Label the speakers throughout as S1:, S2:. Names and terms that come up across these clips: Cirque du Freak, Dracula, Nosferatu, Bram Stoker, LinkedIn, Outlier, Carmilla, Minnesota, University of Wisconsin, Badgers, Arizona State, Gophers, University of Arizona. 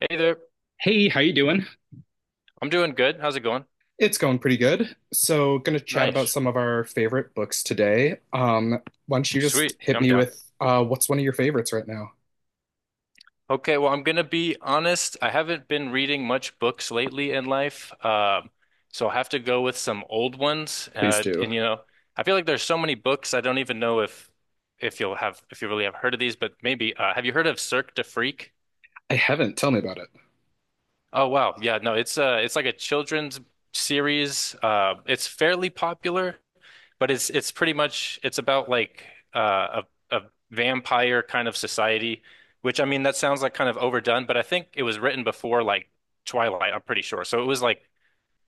S1: Hey there.
S2: Hey, how you doing?
S1: I'm doing good. How's it going?
S2: It's going pretty good. So, going to chat about
S1: Nice.
S2: some of our favorite books today. Why don't you just
S1: Sweet.
S2: hit
S1: I'm
S2: me
S1: down.
S2: with what's one of your favorites right now?
S1: Okay, well, I'm gonna be honest. I haven't been reading much books lately in life. So I'll have to go with some old ones.
S2: Please do.
S1: And you know, I feel like there's so many books I don't even know if you'll have if you really have heard of these, but maybe have you heard of Cirque du Freak?
S2: I haven't. Tell me about it.
S1: Oh wow. Yeah, no, it's like a children's series. It's fairly popular. But it's pretty much it's about like uh, a vampire kind of society, which I mean that sounds like kind of overdone, but I think it was written before like Twilight, I'm pretty sure. So it was like,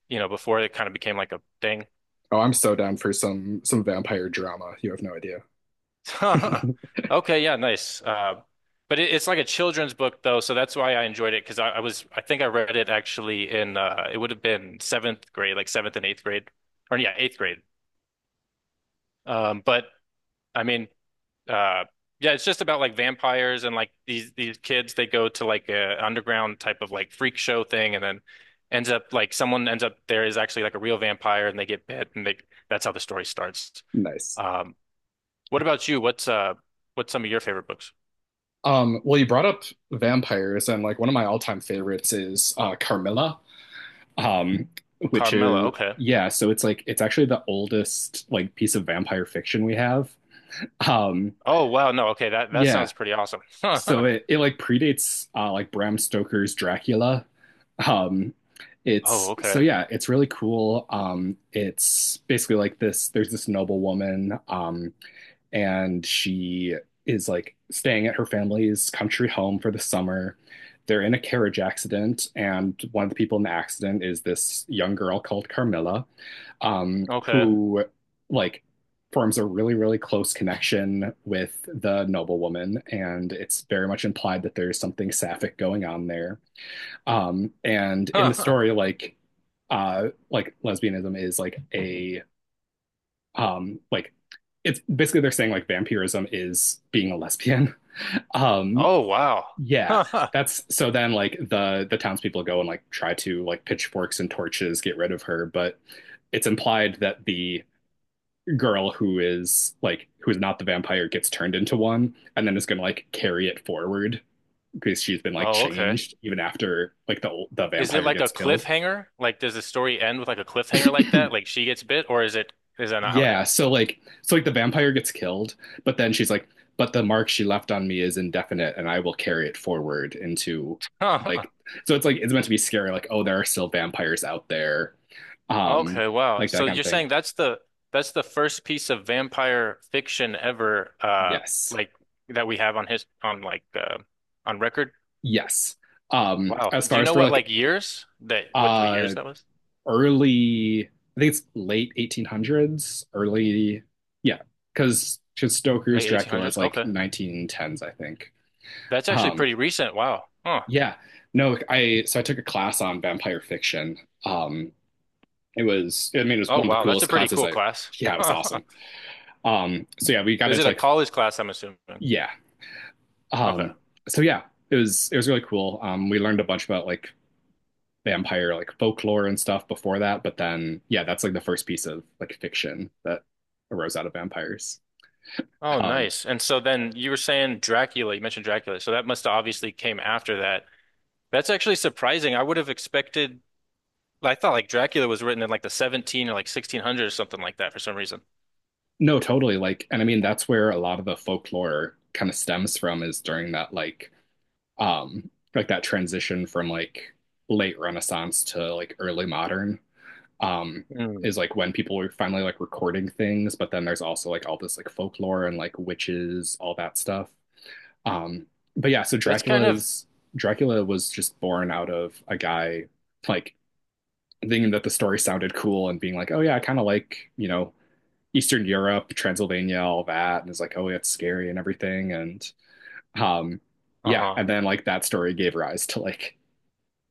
S1: you know, before it kind of became like a thing.
S2: Oh, I'm so down for some vampire drama. You have no idea.
S1: Okay, yeah, nice. But it's like a children's book though, so that's why I enjoyed it because I think I read it actually in it would have been seventh grade, like seventh and eighth grade, or yeah, eighth grade. But I mean. Uh, yeah, it's just about like vampires and like these kids they go to like a underground type of like freak show thing and then ends up like someone ends up there is actually like a real vampire and they get bit and they that's how the story starts.
S2: Nice.
S1: Um what about you? What's what's some of your favorite books?
S2: Well, you brought up vampires, and like one of my all-time favorites is Carmilla, um, which
S1: Carmilla,
S2: is
S1: okay.
S2: yeah. So it's actually the oldest like piece of vampire fiction we have. Um,
S1: Oh wow, no, okay, that
S2: yeah,
S1: sounds pretty awesome.
S2: so it like predates like Bram Stoker's Dracula. Um,
S1: Oh,
S2: it's so
S1: okay.
S2: Yeah, it's really cool. It's basically like this. There's this noble woman. And she is like staying at her family's country home for the summer. They're in a carriage accident, and one of the people in the accident is this young girl called Carmilla,
S1: Okay.
S2: who like forms a really, really close connection with the noblewoman, and it's very much implied that there's something sapphic going on there. And in the story, like lesbianism is like a, like it's basically they're saying like vampirism is being a lesbian. um
S1: Oh wow.
S2: yeah. That's so then like the townspeople go and like try to, like, pitchforks and torches, get rid of her, but it's implied that the girl who is not the vampire gets turned into one and then is going to like carry it forward because she's been like
S1: Oh, okay.
S2: changed even after like the
S1: Is it
S2: vampire
S1: like a
S2: gets killed.
S1: cliffhanger? Like, does the story end with like a cliffhanger like that? Like she gets bit, or is it is that not how it
S2: Yeah,
S1: ends?
S2: so like the vampire gets killed, but then she's like, but the mark she left on me is indefinite and I will carry it forward into,
S1: Huh.
S2: like, so it's meant to be scary, like, oh, there are still vampires out there. Um,
S1: Okay, wow.
S2: like that
S1: So
S2: kind of
S1: you're
S2: thing.
S1: saying that's the first piece of vampire fiction ever,
S2: Yes.
S1: like that we have on his on like on record.
S2: Yes.
S1: Wow.
S2: As
S1: Do
S2: far
S1: you
S2: as
S1: know
S2: for
S1: what
S2: like
S1: like years that what
S2: uh
S1: years that was?
S2: early, I think it's late 1800s, early, yeah, because Stoker's
S1: Late
S2: Dracula is
S1: 1800s?
S2: like
S1: Okay.
S2: 1910s, I think.
S1: That's actually
S2: Um
S1: pretty recent. Wow. Huh.
S2: Yeah. No, I took a class on vampire fiction. Um it was, I mean, it was
S1: Oh
S2: one of the
S1: wow, that's
S2: coolest
S1: a pretty
S2: classes
S1: cool
S2: I
S1: class.
S2: Yeah, it was
S1: Huh.
S2: awesome. So yeah, we got
S1: Is it
S2: into,
S1: a
S2: like,
S1: college class, I'm assuming?
S2: yeah. Um
S1: Okay.
S2: so yeah, it was really cool. We learned a bunch about like vampire, like, folklore and stuff before that, but then yeah, that's like the first piece of like fiction that arose out of vampires.
S1: Oh,
S2: Um
S1: nice. And so then you were saying Dracula, you mentioned Dracula. So that must have obviously came after that. That's actually surprising. I would have expected, I thought like Dracula was written in like the 17 or like 1600 or something like that for some reason.
S2: no, totally, like, and I mean that's where a lot of the folklore kind of stems from is during that, like, like that transition from like late renaissance to like early modern, um
S1: Hmm.
S2: is like when people were finally like recording things, but then there's also like all this like folklore and like witches, all that stuff. um but yeah, so
S1: That's kind of,
S2: Dracula was just born out of a guy, like, thinking that the story sounded cool and being like, oh yeah, I kind of like, you know, Eastern Europe, Transylvania, all that. And it's like, oh yeah, it's scary and everything. And um yeah,
S1: uh-huh.
S2: and then like that story gave rise to, like,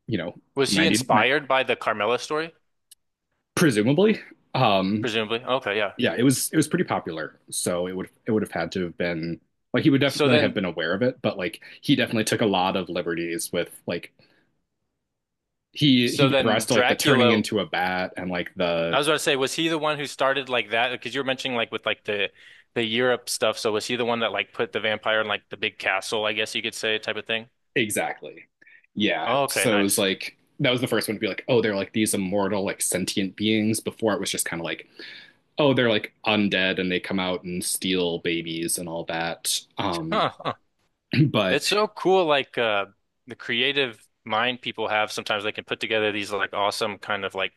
S2: you know.
S1: Was he
S2: 99,
S1: inspired by the Carmilla story?
S2: presumably. Um,
S1: Presumably. Okay, yeah.
S2: yeah, it was pretty popular. So it would have had to have been, like, he would
S1: So
S2: definitely have
S1: then,
S2: been aware of it, but like he definitely took a lot of liberties with like he
S1: so
S2: gave rise
S1: then
S2: to like the turning
S1: Dracula,
S2: into a bat and like
S1: I
S2: the.
S1: was about to say, was he the one who started like that? Because you were mentioning like with like the Europe stuff. So was he the one that like put the vampire in like the big castle, I guess you could say, type of thing?
S2: Exactly. Yeah.
S1: Oh, okay,
S2: So it was
S1: nice.
S2: like that was the first one to be like, oh, they're like these immortal, like sentient beings. Before it was just kind of like, oh, they're like undead and they come out and steal babies and all that.
S1: Huh, huh.
S2: But
S1: It's so cool, like the creative mind people have sometimes they can put together these like awesome kind of like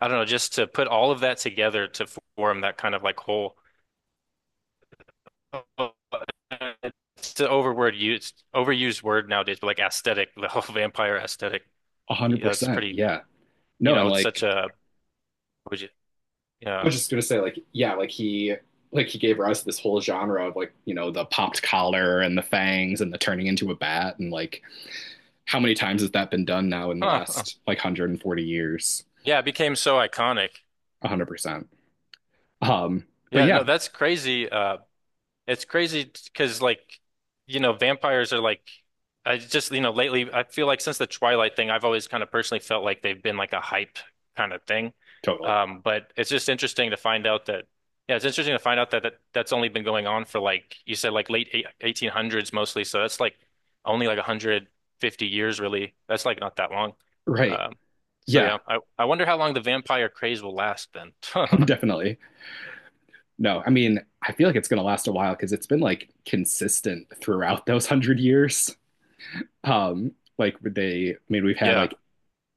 S1: I don't know, just to put all of that together to form that kind of like whole it's an overword used overused word nowadays, but like aesthetic, the whole vampire aesthetic.
S2: one hundred
S1: Yeah, it's
S2: percent,
S1: pretty,
S2: yeah.
S1: you
S2: No,
S1: know,
S2: and
S1: it's such
S2: like
S1: a would you
S2: I
S1: yeah.
S2: was just gonna say, like yeah, like he gave rise to this whole genre of, like, you know, the popped collar and the fangs and the turning into a bat, and like how many times has that been done now, in the
S1: Huh, huh.
S2: last like 140 years?
S1: Yeah, it became so iconic.
S2: 100%. um but
S1: Yeah, no,
S2: yeah.
S1: that's crazy. Uh, it's crazy because like, you know, vampires are like I just, you know, lately I feel like since the Twilight thing, I've always kind of personally felt like they've been like a hype kind of thing.
S2: Totally.
S1: But it's just interesting to find out that yeah, it's interesting to find out that, that's only been going on for like you said like late 1800s mostly, so that's like only like 150 years really. That's like not that long.
S2: Right.
S1: Um, so yeah,
S2: Yeah.
S1: I wonder how long the vampire craze will last then.
S2: Definitely. No, I mean I feel like it's going to last a while because it's been like consistent throughout those 100 years. um like they, I mean, we've had
S1: Yeah.
S2: like,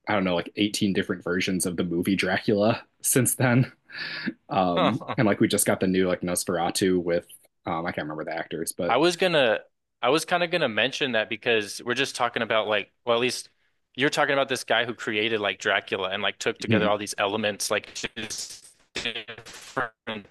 S2: I don't know, like 18 different versions of the movie Dracula since then. And like we just got the new like Nosferatu with. I can't remember the actors,
S1: I
S2: but.
S1: was gonna, I was kind of gonna mention that because we're just talking about like, well, at least you're talking about this guy who created like Dracula and like took together
S2: Hmm.
S1: all these elements, like just different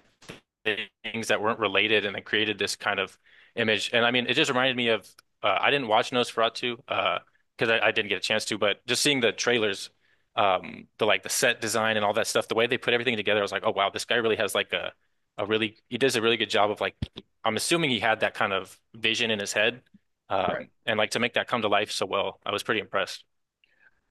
S1: things that weren't related and then created this kind of image. And I mean, it just reminded me of, I didn't watch Nosferatu, because I didn't get a chance to, but just seeing the trailers, the like the set design and all that stuff, the way they put everything together, I was like, oh wow, this guy really has like a really he does a really good job of like I'm assuming he had that kind of vision in his head.
S2: Right.
S1: And like to make that come to life so well, I was pretty impressed.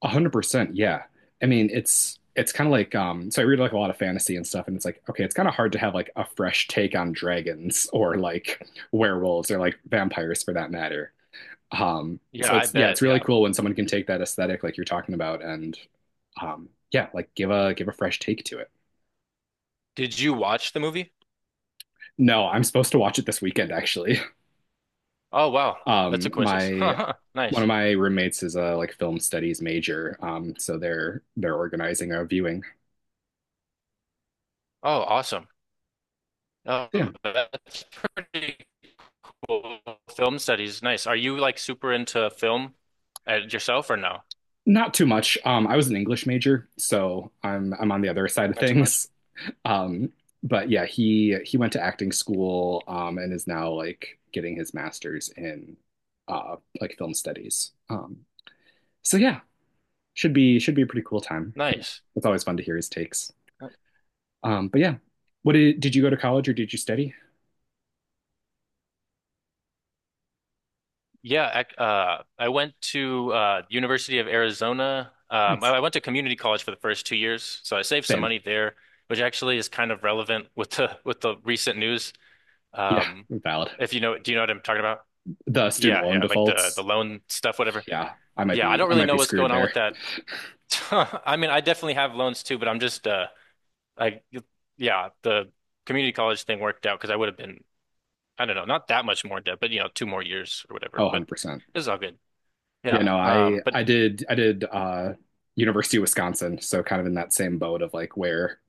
S2: 100%, yeah. I mean, it's kind of like. So I read like a lot of fantasy and stuff, and it's like, okay, it's kind of hard to have like a fresh take on dragons or like werewolves or like vampires, for that matter.
S1: Yeah,
S2: So
S1: I
S2: it's yeah,
S1: bet.
S2: it's really
S1: Yeah.
S2: cool when someone can take that aesthetic like you're talking about, and yeah, like give a fresh take to it.
S1: Did you watch the movie?
S2: No, I'm supposed to watch it this weekend actually.
S1: Oh, wow. That's a coincidence.
S2: My One of
S1: Nice.
S2: my roommates is a, like, film studies major, so they're organizing a viewing.
S1: Oh, awesome. Oh,
S2: Yeah,
S1: that's pretty cool. Film studies. Nice. Are you like super into film yourself or no?
S2: not too much. I was an English major, so I'm on the other side of
S1: Not too much.
S2: things. Um, but yeah, he went to acting school, and is now like getting his master's in like film studies. So yeah, should be a pretty cool time.
S1: Nice.
S2: It's always fun to hear his takes. But yeah, what did you go to college, or did you study?
S1: Yeah, I went to University of Arizona. Um, I,
S2: Nice.
S1: I went to community college for the first 2 years, so I saved some
S2: Same.
S1: money there, which actually is kind of relevant with the with the recent news.
S2: Yeah,
S1: Um,
S2: valid.
S1: if you know, do you know what I'm talking about?
S2: The student
S1: Yeah,
S2: loan
S1: yeah, like the
S2: defaults.
S1: loan stuff, whatever.
S2: Yeah, I might
S1: Yeah, I
S2: be
S1: don't
S2: I
S1: really
S2: might be
S1: know what's
S2: screwed
S1: going on
S2: there.
S1: with that. I mean, I definitely have loans too, but I'm just I yeah, the community college thing worked out because I would have been, I don't know, not that much more in debt, but you know, two more years or
S2: Oh,
S1: whatever. But
S2: 100%.
S1: it was all good.
S2: Yeah,
S1: Yeah.
S2: no, I
S1: But
S2: I did I did University of Wisconsin, so kind of in that same boat of like where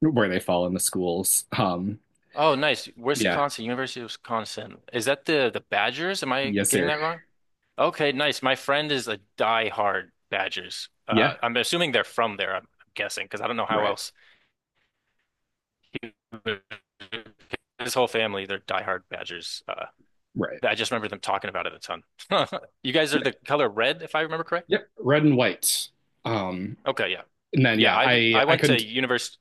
S2: where they fall in the schools.
S1: Oh, nice.
S2: Yeah,
S1: Wisconsin, University of Wisconsin. Is that the Badgers? Am I
S2: yes,
S1: getting
S2: sir.
S1: that wrong? Okay, nice. My friend is a die-hard Badgers.
S2: Yeah,
S1: I'm assuming they're from there, I'm guessing, because I don't know how
S2: right,
S1: else. His whole family, they're die-hard Badgers.
S2: right.
S1: I just remember them talking about it a ton. You guys are the color red, if I remember correct?
S2: Yep, red and white. Um,
S1: Okay, yeah.
S2: and then
S1: Yeah,
S2: yeah,
S1: i
S2: I
S1: I
S2: I
S1: went to
S2: couldn't.
S1: university.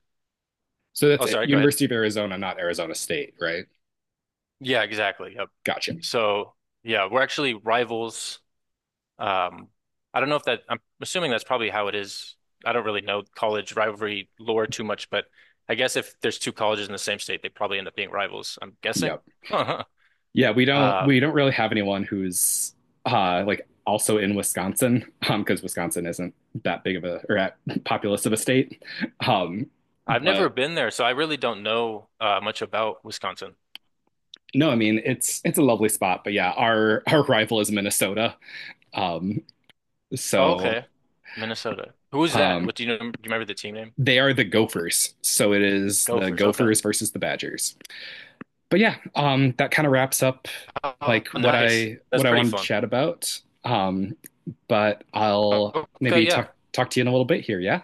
S2: So that's
S1: Oh,
S2: it.
S1: sorry, go ahead.
S2: University of Arizona, not Arizona State, right?
S1: Yeah, exactly. Yep.
S2: Gotcha.
S1: So, yeah, we're actually rivals. Um, I don't know if that, I'm assuming that's probably how it is. I don't really know college rivalry lore too much, but I guess if there's two colleges in the same state, they probably end up being rivals, I'm guessing.
S2: Yep. Yeah, we don't
S1: Uh,
S2: we don't really have anyone who's like also in Wisconsin, because Wisconsin isn't that big of a, or at, populous of a state. Um
S1: I've never
S2: but
S1: been there, so I really don't know much about Wisconsin.
S2: no, I mean it's a lovely spot, but yeah, our rival is Minnesota. Um
S1: Oh,
S2: so
S1: okay. Minnesota. Who is that?
S2: um
S1: What do you know? Do you remember the team name?
S2: they are the Gophers. So it is the
S1: Gophers. Okay.
S2: Gophers versus the Badgers. But yeah, that kind of wraps up
S1: Oh,
S2: like what
S1: nice.
S2: I
S1: That's
S2: what I
S1: pretty
S2: wanted to
S1: fun.
S2: chat about. But I'll
S1: Okay,
S2: maybe talk
S1: yeah.
S2: talk to you in a little bit here, yeah?